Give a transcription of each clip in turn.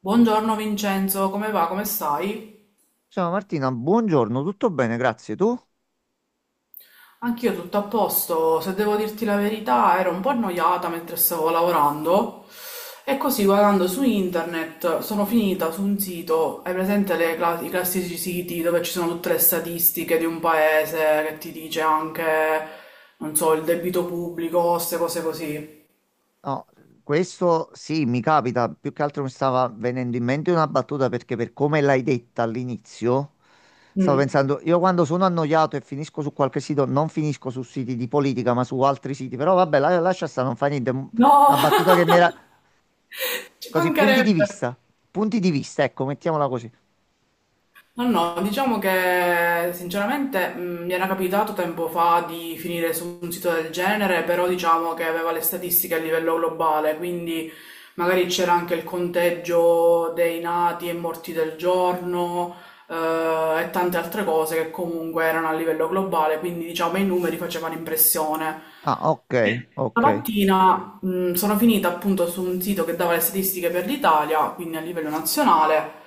Buongiorno Vincenzo, come va? Come stai? Ciao Martina, buongiorno, tutto bene, grazie. Tu? Anch'io tutto a posto, se devo dirti la verità, ero un po' annoiata mentre stavo lavorando e così guardando su internet sono finita su un sito, hai presente i classici siti dove ci sono tutte le statistiche di un paese che ti dice anche, non so, il debito pubblico, queste cose così. No, questo sì, mi capita, più che altro mi stava venendo in mente una battuta perché per come l'hai detta all'inizio, stavo Mm. pensando, io quando sono annoiato e finisco su qualche sito, non finisco su siti di politica, ma su altri siti, però vabbè, lascia stare, non fa niente. No, Una battuta che mi era ci così, mancherebbe. Punti di vista, ecco, mettiamola così. Ma no, diciamo che sinceramente mi era capitato tempo fa di finire su un sito del genere, però diciamo che aveva le statistiche a livello globale, quindi magari c'era anche il conteggio dei nati e morti del giorno, e tante altre cose che comunque erano a livello globale, quindi diciamo i numeri facevano impressione. Ah, ok, ok. Stamattina prima sono finita appunto su un sito che dava le statistiche per l'Italia, quindi a livello nazionale,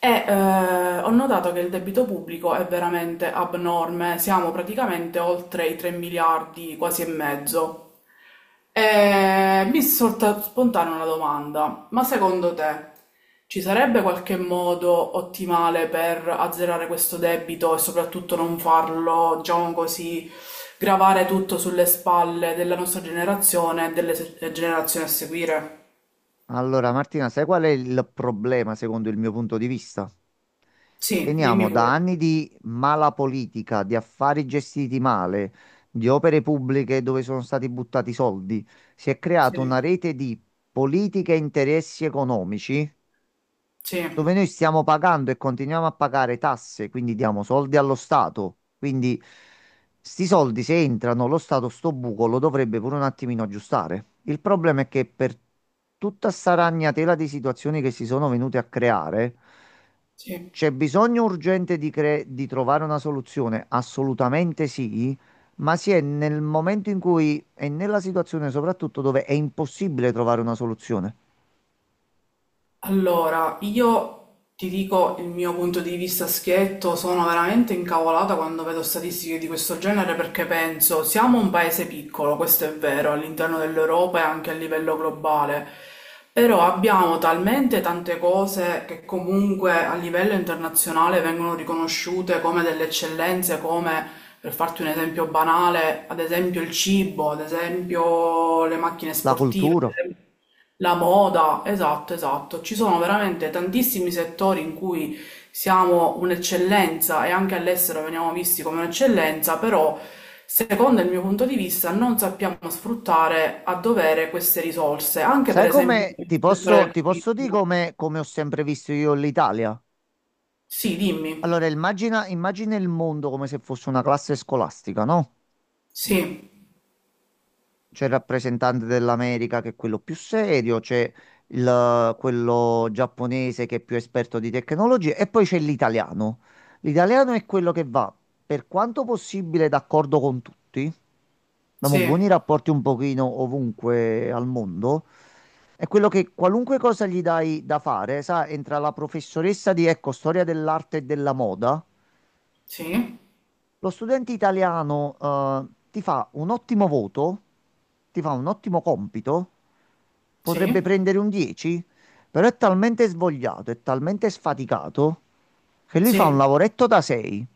e ho notato che il debito pubblico è veramente abnorme, siamo praticamente oltre i 3 miliardi, quasi e mezzo. E mi è sorta spontanea una domanda, ma secondo te ci sarebbe qualche modo ottimale per azzerare questo debito e soprattutto non farlo, diciamo così, gravare tutto sulle spalle della nostra generazione e delle generazioni a seguire? Allora, Martina, sai qual è il problema secondo il mio punto di vista? Sì, dimmi Veniamo da pure. anni di mala politica, di affari gestiti male, di opere pubbliche dove sono stati buttati soldi. Si è creata Sì, una rete di politiche e interessi economici sì, dove noi stiamo pagando e continuiamo a pagare tasse, quindi diamo soldi allo Stato. Quindi sti soldi se entrano, lo Stato sto buco lo dovrebbe pure un attimino aggiustare. Il problema è che per tutta sta ragnatela di situazioni che si sono venute a creare, sì. c'è bisogno urgente di trovare una soluzione? Assolutamente sì, ma si è nel momento in cui è nella situazione soprattutto dove è impossibile trovare una soluzione. Allora, io ti dico il mio punto di vista schietto, sono veramente incavolata quando vedo statistiche di questo genere perché penso, siamo un paese piccolo, questo è vero, all'interno dell'Europa e anche a livello globale, però abbiamo talmente tante cose che comunque a livello internazionale vengono riconosciute come delle eccellenze, come, per farti un esempio banale, ad esempio il cibo, ad esempio le macchine La sportive. cultura. La moda, esatto, esatto. Ci sono veramente tantissimi settori in cui siamo un'eccellenza e anche all'estero veniamo visti come un'eccellenza, però secondo il mio punto di vista non sappiamo sfruttare a dovere queste risorse, anche per Sai esempio come ti nel settore posso, del ti posso dire turismo. come ho sempre visto io l'Italia? Sì, Allora, dimmi. immagina, immagina il mondo come se fosse una classe scolastica, no? Sì, C'è il rappresentante dell'America che è quello più serio, c'è quello giapponese che è più esperto di tecnologie e poi c'è l'italiano. L'italiano è quello che va, per quanto possibile, d'accordo con tutti. Abbiamo sì, buoni rapporti un pochino ovunque al mondo. È quello che qualunque cosa gli dai da fare, sa, entra la professoressa di, ecco, storia dell'arte e della moda. sì, Lo studente italiano, ti fa un ottimo voto, ti fa un ottimo compito, potrebbe sì, prendere un 10, però è talmente svogliato, è talmente sfaticato che lui fa un sì. lavoretto da 6,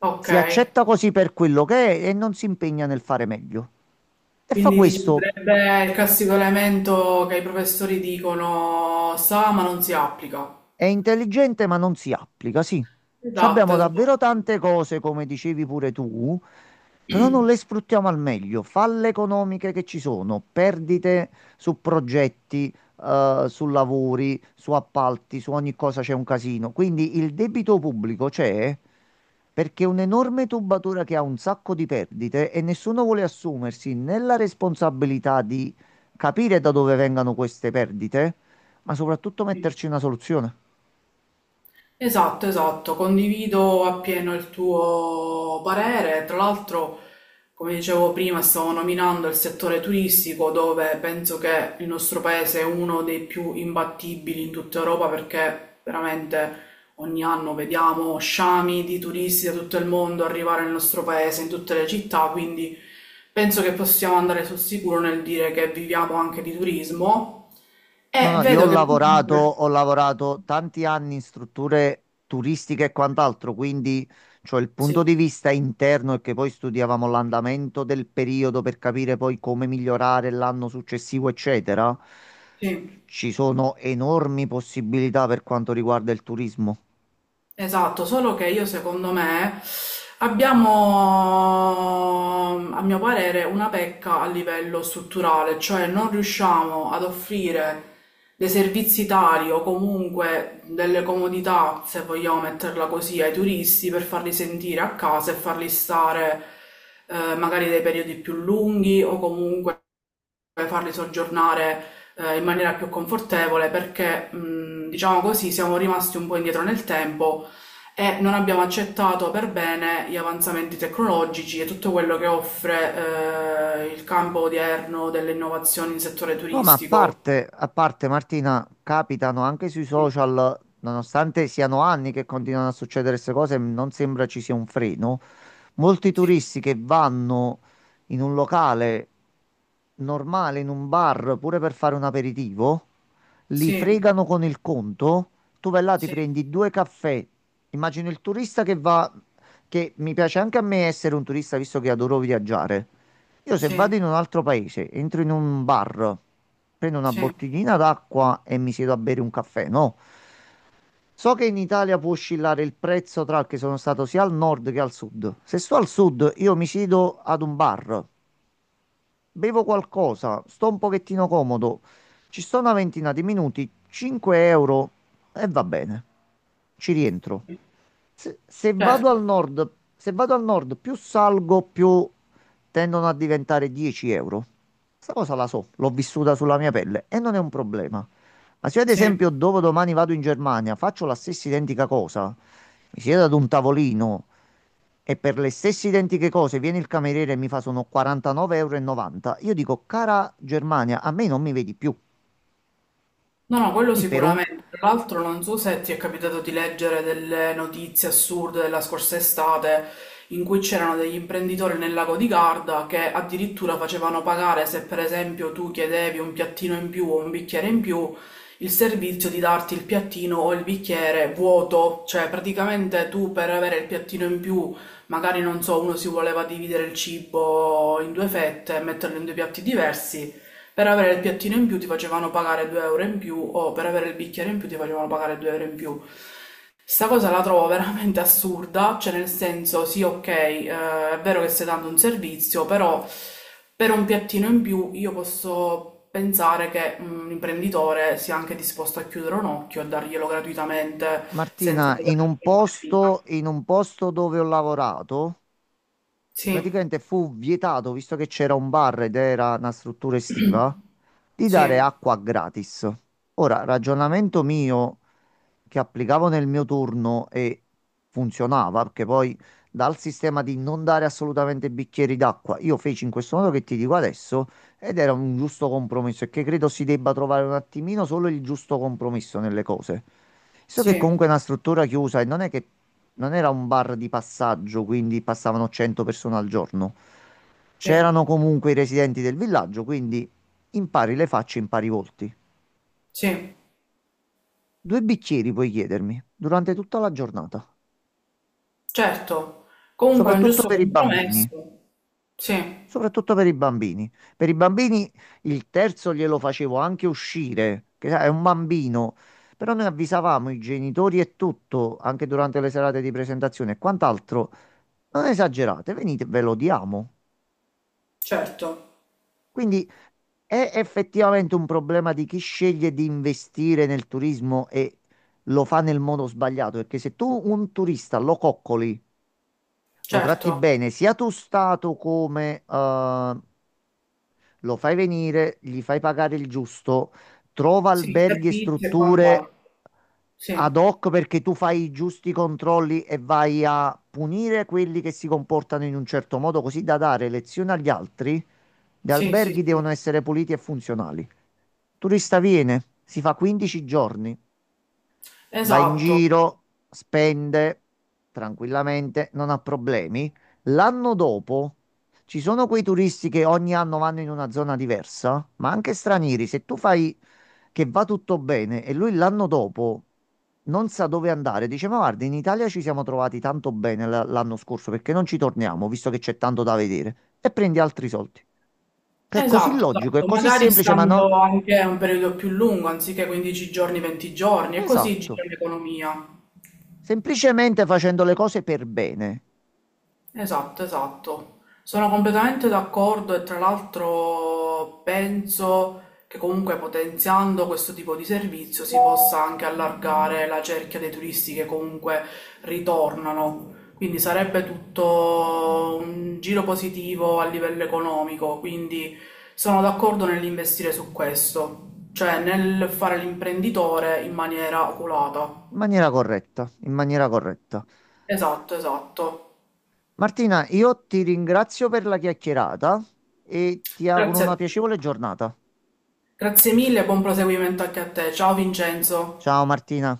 Ok. si accetta così per quello che è e non si impegna nel fare meglio. E fa Quindi dici, questo. sarebbe il classico elemento che i professori dicono sa ma non si applica. È intelligente ma non si applica, sì. Ci Esatto, abbiamo esatto. davvero tante cose, come dicevi pure tu, però non le sfruttiamo al meglio. Falle economiche che ci sono, perdite su progetti, su lavori, su appalti, su ogni cosa c'è un casino. Quindi il debito pubblico c'è perché è un'enorme tubatura che ha un sacco di perdite e nessuno vuole assumersi né la responsabilità di capire da dove vengano queste perdite, ma soprattutto metterci una soluzione. Esatto, esatto, condivido appieno il tuo parere. Tra l'altro, come dicevo prima, stavo nominando il settore turistico dove penso che il nostro paese è uno dei più imbattibili in tutta Europa perché veramente ogni anno vediamo sciami di turisti da tutto il mondo arrivare nel nostro paese, in tutte le città, quindi penso che possiamo andare sul sicuro nel dire che viviamo anche di turismo. No, E no, io vedo che... tu... ho lavorato tanti anni in strutture turistiche e quant'altro, quindi cioè, il punto Sì. di vista interno è che poi studiavamo l'andamento del periodo per capire poi come migliorare l'anno successivo, eccetera. Sì, Ci sono enormi possibilità per quanto riguarda il turismo. esatto, solo che io secondo me abbiamo, a mio parere, una pecca a livello strutturale, cioè non riusciamo ad offrire dei servizi tali o comunque delle comodità, se vogliamo metterla così, ai turisti per farli sentire a casa e farli stare magari dei periodi più lunghi o e farli soggiornare in maniera più confortevole perché, diciamo così, siamo rimasti un po' indietro nel tempo e non abbiamo accettato per bene gli avanzamenti tecnologici e tutto quello che offre il campo odierno delle innovazioni in settore No, ma a turistico. parte, a parte Martina, capitano anche sui social, nonostante siano anni che continuano a succedere queste cose, non sembra ci sia un freno. Molti Sì, turisti che vanno in un locale normale, in un bar, pure per fare un aperitivo, li sì, fregano con il conto. Tu vai là, ti sì, prendi due caffè. Immagino il turista che va, che mi piace anche a me essere un turista, visto che adoro viaggiare. Io se vado sì, in un altro paese, entro in un bar, prendo una sì, bottiglina d'acqua e mi siedo a bere un caffè, no? So che in Italia può oscillare il prezzo tra che sono stato sia al nord che al sud. Se sto al sud, io mi siedo ad un bar, bevo qualcosa, sto un pochettino comodo, ci sto una ventina di minuti, 5 € e va bene. Ci rientro. Se vado al certo, nord, più salgo, più tendono a diventare 10 euro. Questa cosa la so, l'ho vissuta sulla mia pelle e non è un problema. Ma se io, ad sì. esempio, dopodomani vado in Germania, faccio la stessa identica cosa, mi siedo ad un tavolino e per le stesse identiche cose viene il cameriere e mi fa sono 49,90 euro, e novanta, io dico, cara Germania, a me non mi vedi più. No, no, quello Quindi per un... sicuramente. Tra l'altro non so se ti è capitato di leggere delle notizie assurde della scorsa estate in cui c'erano degli imprenditori nel lago di Garda che addirittura facevano pagare se per esempio tu chiedevi un piattino in più o un bicchiere in più, il servizio di darti il piattino o il bicchiere vuoto, cioè praticamente tu per avere il piattino in più, magari non so, uno si voleva dividere il cibo in due fette e metterlo in due piatti diversi. Per avere il piattino in più ti facevano pagare 2 euro in più o per avere il bicchiere in più ti facevano pagare 2 euro in più. Sta cosa la trovo veramente assurda, cioè nel senso sì, ok, è vero che stai dando un servizio, però per un piattino in più io posso pensare che un imprenditore sia anche disposto a chiudere un occhio e darglielo gratuitamente senza Martina, dover in un fare qualcosa. posto, in un posto dove ho lavorato, Sì, praticamente fu vietato, visto che c'era un bar ed era una struttura estiva, di dare sì, acqua gratis. Ora, ragionamento mio che applicavo nel mio turno e funzionava, perché poi dal sistema di non dare assolutamente bicchieri d'acqua, io feci in questo modo che ti dico adesso ed era un giusto compromesso e che credo si debba trovare un attimino solo il giusto compromesso nelle cose. So che sì, comunque è una struttura chiusa e non è che non era un bar di passaggio, quindi passavano 100 persone al giorno. sì, C'erano comunque i residenti del villaggio, quindi impari le facce, impari i volti. sì. Due bicchieri puoi chiedermi durante tutta la giornata. Certo, comunque è un Soprattutto giusto per i bambini, compromesso. Sì, soprattutto per i bambini. Per i bambini il terzo glielo facevo anche uscire, che sai, è un bambino, però noi avvisavamo i genitori e tutto, anche durante le serate di presentazione e quant'altro. Non esagerate, venite, ve lo diamo. certo, Quindi è effettivamente un problema di chi sceglie di investire nel turismo e lo fa nel modo sbagliato, perché se tu un turista lo coccoli, lo tratti certo. bene, sia tu stato come lo fai venire, gli fai pagare il giusto, trova Sì, alberghi e servizi e strutture quant'altro. Sì, ad hoc perché tu fai i giusti controlli e vai a punire quelli che si comportano in un certo modo, così da dare lezione agli altri. Gli sì, sì, alberghi sì. devono essere puliti e funzionali. Turista viene, si fa 15 giorni, va in Esatto, giro, spende tranquillamente, non ha problemi. L'anno dopo ci sono quei turisti che ogni anno vanno in una zona diversa, ma anche stranieri. Se tu fai che va tutto bene e lui l'anno dopo non sa dove andare, dice: Ma guarda, in Italia ci siamo trovati tanto bene l'anno scorso, perché non ci torniamo, visto che c'è tanto da vedere, e prendi altri soldi. Che è così esatto, logico, è esatto. così Magari semplice, ma no. stando anche un periodo più lungo, anziché 15 giorni, 20 giorni, e così Esatto. gira l'economia. Semplicemente facendo le cose per bene. Esatto, esatto. Sono completamente d'accordo e tra l'altro penso che comunque potenziando questo tipo di servizio si possa anche allargare la cerchia dei turisti che comunque ritornano. Quindi sarebbe tutto un giro positivo a livello economico, quindi sono d'accordo nell'investire su questo, cioè nel fare l'imprenditore in maniera oculata. In maniera corretta, in maniera corretta. Esatto, esatto. Martina, io ti ringrazio per la chiacchierata e ti auguro Grazie una a piacevole giornata. Grazie mille e buon proseguimento anche a te. Ciao Vincenzo. Ciao Martina.